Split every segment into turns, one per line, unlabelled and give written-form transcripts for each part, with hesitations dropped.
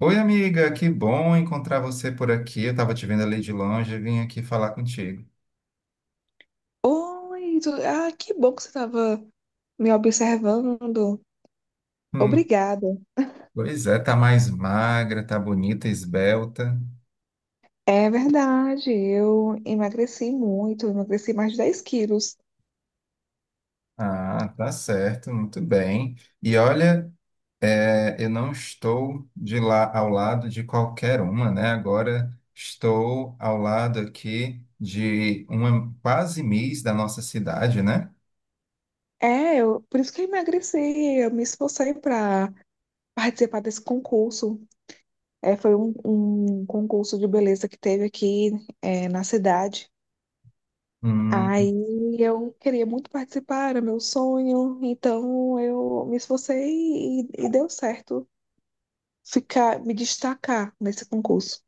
Oi, amiga, que bom encontrar você por aqui. Eu estava te vendo ali de longe e vim aqui falar contigo.
Oi, ah, que bom que você estava me observando.
Hum,
Obrigada.
Pois é, tá mais magra, tá bonita, esbelta.
É verdade, eu emagreci muito, emagreci mais de 10 quilos.
Ah, tá certo, muito bem. E olha, eu não estou de lá ao lado de qualquer uma, né? Agora estou ao lado aqui de uma quase miss da nossa cidade, né?
É, por isso que eu emagreci, eu me esforcei para participar desse concurso. É, foi um concurso de beleza que teve aqui, na cidade.
Hum.
Aí eu queria muito participar, era meu sonho, então eu me esforcei e deu certo ficar, me destacar nesse concurso.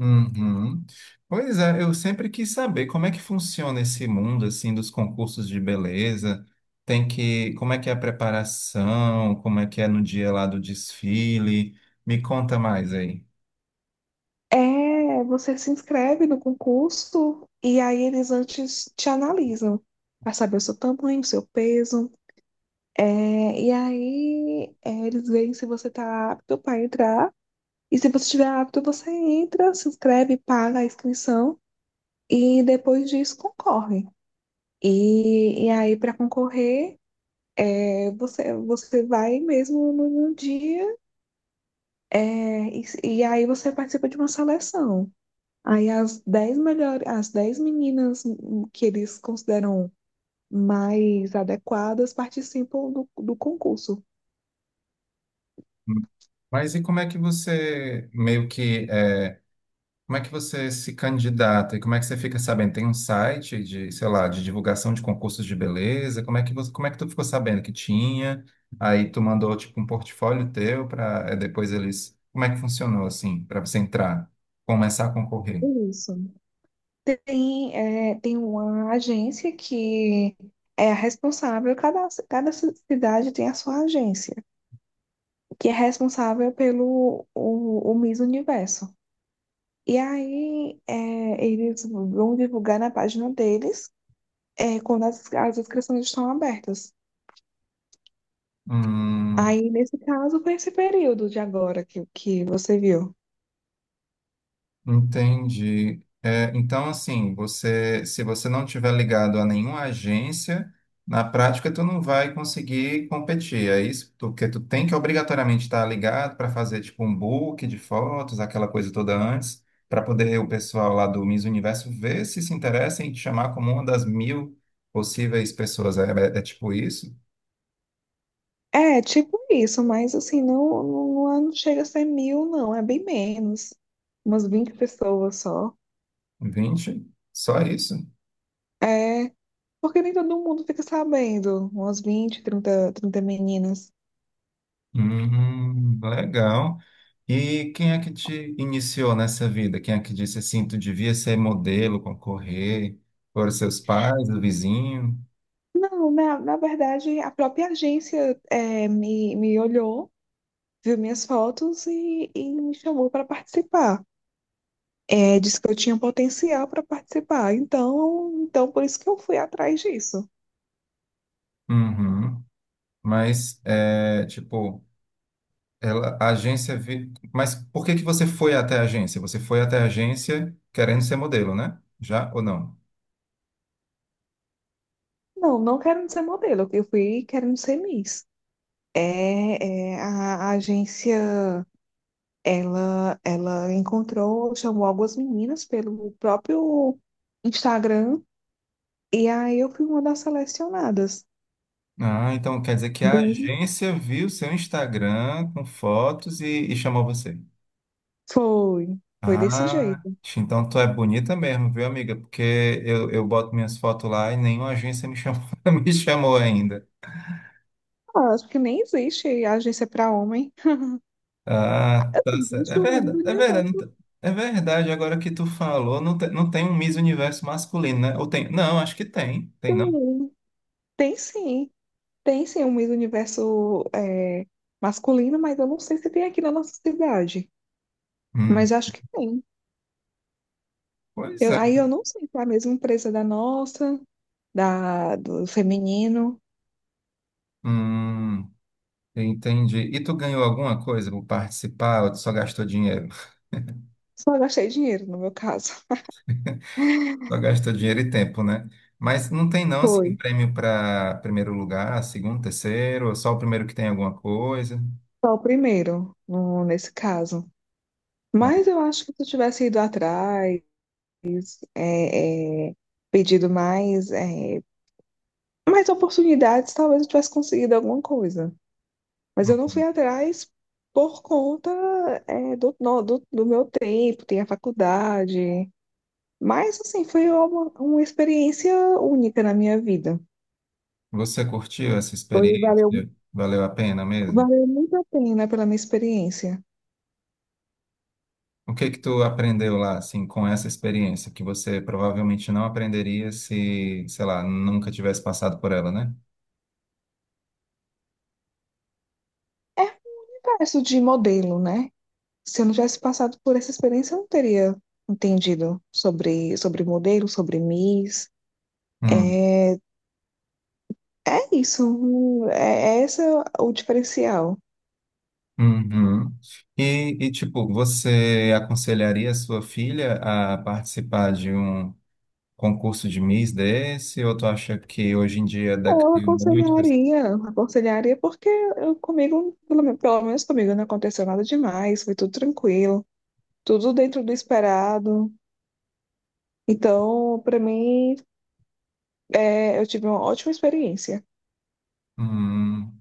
Uhum. Pois é, eu sempre quis saber como é que funciona esse mundo assim dos concursos de beleza. Tem que, como é que é a preparação, como é que é no dia lá do desfile? Me conta mais aí.
É, você se inscreve no concurso e aí eles antes te analisam para saber o seu tamanho, o seu peso. É, e aí eles veem se você está apto para entrar. E se você estiver apto, você entra, se inscreve, paga a inscrição e depois disso concorre. E aí, para concorrer, você vai mesmo no dia é, e, e aí você participa de uma seleção. Aí as 10 melhores, as 10 meninas que eles consideram mais adequadas participam do concurso.
Hum, Mas e como é que você meio que é, como é que você se candidata e como é que você fica sabendo? Tem um site de, sei lá, de divulgação de concursos de beleza? Como é que você, como é que tu ficou sabendo que tinha? Aí tu mandou tipo um portfólio teu para depois eles. Como é que funcionou assim para você entrar, começar a concorrer?
Isso. Tem uma agência que é a responsável, cada cidade tem a sua agência, que é responsável pelo o Miss Universo. E aí eles vão divulgar na página deles quando as inscrições estão abertas.
Hum.
Aí, nesse caso, foi esse período de agora que você viu.
Entendi. É, então, assim, você, se você não tiver ligado a nenhuma agência, na prática tu não vai conseguir competir. É isso, porque tu tem que obrigatoriamente estar ligado para fazer tipo um book de fotos, aquela coisa toda antes, para poder o pessoal lá do Miss Universo ver se se interessa em te chamar como uma das mil possíveis pessoas. É, é tipo isso?
É, tipo isso, mas assim, não chega a ser mil, não, é bem menos. Umas 20 pessoas só.
Vinte, só isso?
É, porque nem todo mundo fica sabendo, umas 20, trinta meninas.
Legal. E quem é que te iniciou nessa vida? Quem é que disse assim, tu devia ser modelo, concorrer? Foram seus pais, o vizinho?
Não, na verdade, a própria agência me olhou, viu minhas fotos e me chamou para participar. É, disse que eu tinha potencial para participar, então por isso que eu fui atrás disso.
Uhum. Mas, é, tipo, ela, a agência... Vi... Mas por que que você foi até a agência? Você foi até a agência querendo ser modelo, né? Já ou não?
Não, não quero ser modelo. Eu fui querendo ser Miss. A agência, ela encontrou, chamou algumas meninas pelo próprio Instagram e aí eu fui uma das selecionadas.
Ah, então quer dizer que a
Entendi.
agência viu seu Instagram com fotos e chamou você.
Foi, foi desse
Ah,
jeito.
então tu é bonita mesmo, viu, amiga? Porque eu boto minhas fotos lá e nenhuma agência me chamou, me chamou ainda.
Ah, acho que nem existe agência para homem.
Ah, tá certo. É
Existe o Miss
verdade, é verdade. Não
Universo.
te- É verdade, agora que tu falou, não, não tem um Miss Universo masculino, né? Ou tem? Não, acho que tem. Tem, não?
Tem, tem sim, tem, sim, o Miss Universo masculino, mas eu não sei se tem aqui na nossa cidade.
Hum.
Mas acho que tem.
Pois é.
Aí eu não sei se é a mesma empresa da nossa, da, do feminino.
Hum. Entendi. E tu ganhou alguma coisa por participar ou tu só gastou dinheiro?
Só gastei dinheiro, no meu caso.
Só gasta dinheiro e tempo, né? Mas não tem não assim
Foi.
prêmio para primeiro lugar, segundo, terceiro, ou só o primeiro que tem alguma coisa.
Só o primeiro, nesse caso.
Ah.
Mas eu acho que se eu tivesse ido atrás, é, é, pedido mais, mais oportunidades, talvez eu tivesse conseguido alguma coisa. Mas eu não
Hum.
fui atrás por conta, é, do, no- do, do meu tempo, tem a faculdade. Mas, assim, foi uma experiência única na minha vida.
Você curtiu essa
Foi,
experiência?
valeu
Valeu a pena mesmo?
Valeu muito a pena pela minha experiência.
O que que tu aprendeu lá assim com essa experiência que você provavelmente não aprenderia se, sei lá, nunca tivesse passado por ela, né?
É um universo de modelo, né? Se eu não tivesse passado por essa experiência, eu não teria entendido sobre modelo, sobre Miss.
Hum.
É isso, é esse o diferencial.
Uhum. E, tipo, você aconselharia a sua filha a participar de um concurso de Miss desse, ou tu acha que hoje em dia
Eu
decaiu muito?
aconselharia porque eu, comigo, pelo menos comigo, não aconteceu nada demais, foi tudo tranquilo, tudo dentro do esperado. Então, para mim, eu tive uma ótima experiência.
Hum.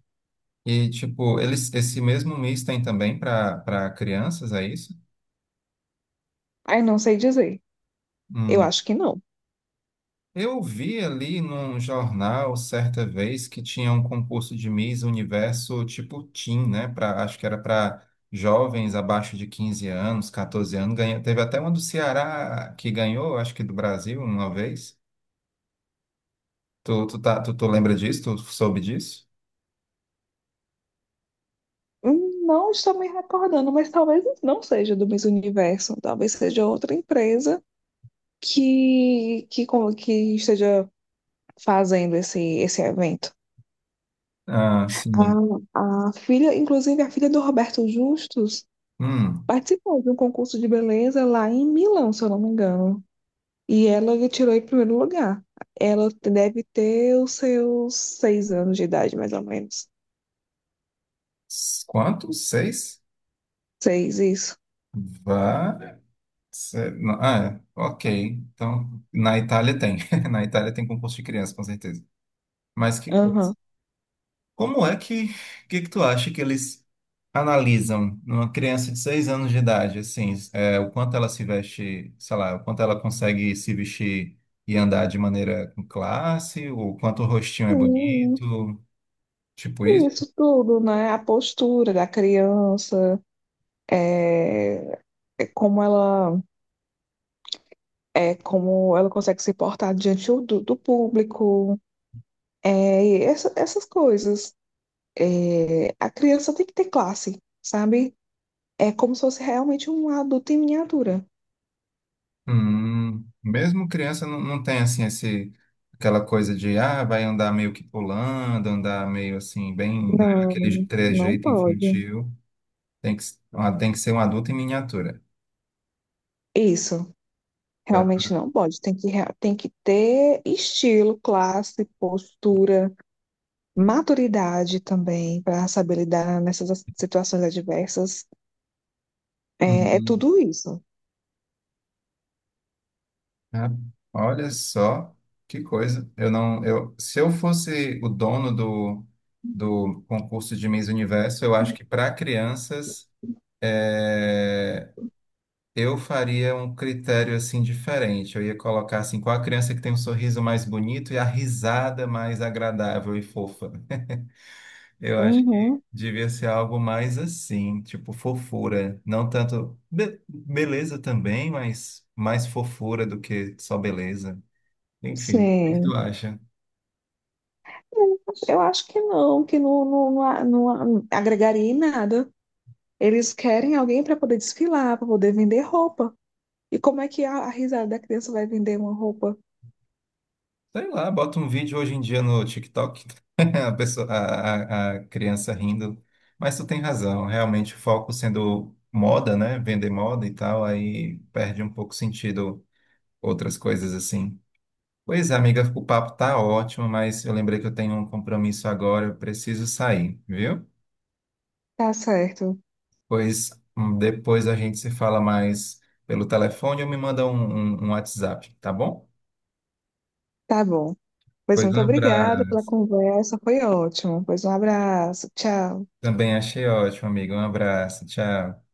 E, tipo, eles, esse mesmo Miss tem também para crianças, é isso?
Aí não sei dizer, eu
Hum.
acho que não.
Eu vi ali num jornal certa vez que tinha um concurso de Miss Universo tipo Teen, né? Pra, acho que era para jovens abaixo de 15 anos, 14 anos. Ganha, teve até uma do Ceará que ganhou, acho que do Brasil, uma vez. Tá, tu lembra disso? Tu soube disso?
Não estou me recordando, mas talvez não seja do Miss Universo, talvez seja outra empresa que esteja fazendo esse evento.
Ah, sim.
A filha, inclusive a filha do Roberto Justus,
Hum.
participou de um concurso de beleza lá em Milão, se eu não me engano. E ela tirou em primeiro lugar. Ela deve ter os seus 6 anos de idade, mais ou menos.
Quanto? Seis?
Seis, isso.
Vá. Não, ah, é. Ok. Então, na Itália tem. Na Itália tem concurso de criança, com certeza. Mas que coisa.
Aham.
Como é que tu acha que eles analisam numa criança de 6 anos de idade, assim, é, o quanto ela se veste, sei lá, o quanto ela consegue se vestir e andar de maneira com classe, o quanto o rostinho é bonito, tipo.
Isso tudo, né? A postura da criança, é, é como ela é como ela consegue se portar diante do público, é, e essas coisas. É, a criança tem que ter classe, sabe? É como se fosse realmente um adulto em miniatura.
Mesmo criança não, não tem assim esse aquela coisa de ah, vai andar meio que pulando, andar meio assim, bem, né, aquele
Não, não
trejeito
pode.
infantil. Tem que ser um adulto em miniatura.
Isso,
Pra-
realmente não pode. Tem que ter estilo, classe, postura. Maturidade também para saber lidar nessas situações adversas. É,
Uhum.
tudo isso.
Ah, olha só que coisa. Eu não, eu, se eu fosse o dono do, do concurso de Miss Universo, eu acho que para crianças eh, eu faria um critério assim diferente. Eu ia colocar assim, qual a criança que tem um sorriso mais bonito e a risada mais agradável e fofa. Eu acho que
Uhum,
devia ser algo mais assim, tipo fofura, não tanto beleza também, mas mais fofura do que só beleza. Enfim, o que tu
sim.
acha?
Eu acho que não, que não agregaria em nada. Eles querem alguém para poder desfilar, para poder vender roupa. E como é que a risada da criança vai vender uma roupa?
Sei lá, bota um vídeo hoje em dia no TikTok, a pessoa, a criança rindo. Mas tu tem razão, realmente o foco sendo moda, né? Vender moda e tal, aí perde um pouco sentido outras coisas assim. Pois é, amiga, o papo tá ótimo, mas eu lembrei que eu tenho um compromisso agora, eu preciso sair, viu?
Tá certo,
Pois depois a gente se fala mais pelo telefone ou me manda um WhatsApp, tá bom?
tá bom. Pois
Pois um
muito obrigada
abraço.
pela conversa, foi ótimo. Pois um abraço, tchau.
Também achei ótimo, amigo. Um abraço, tchau.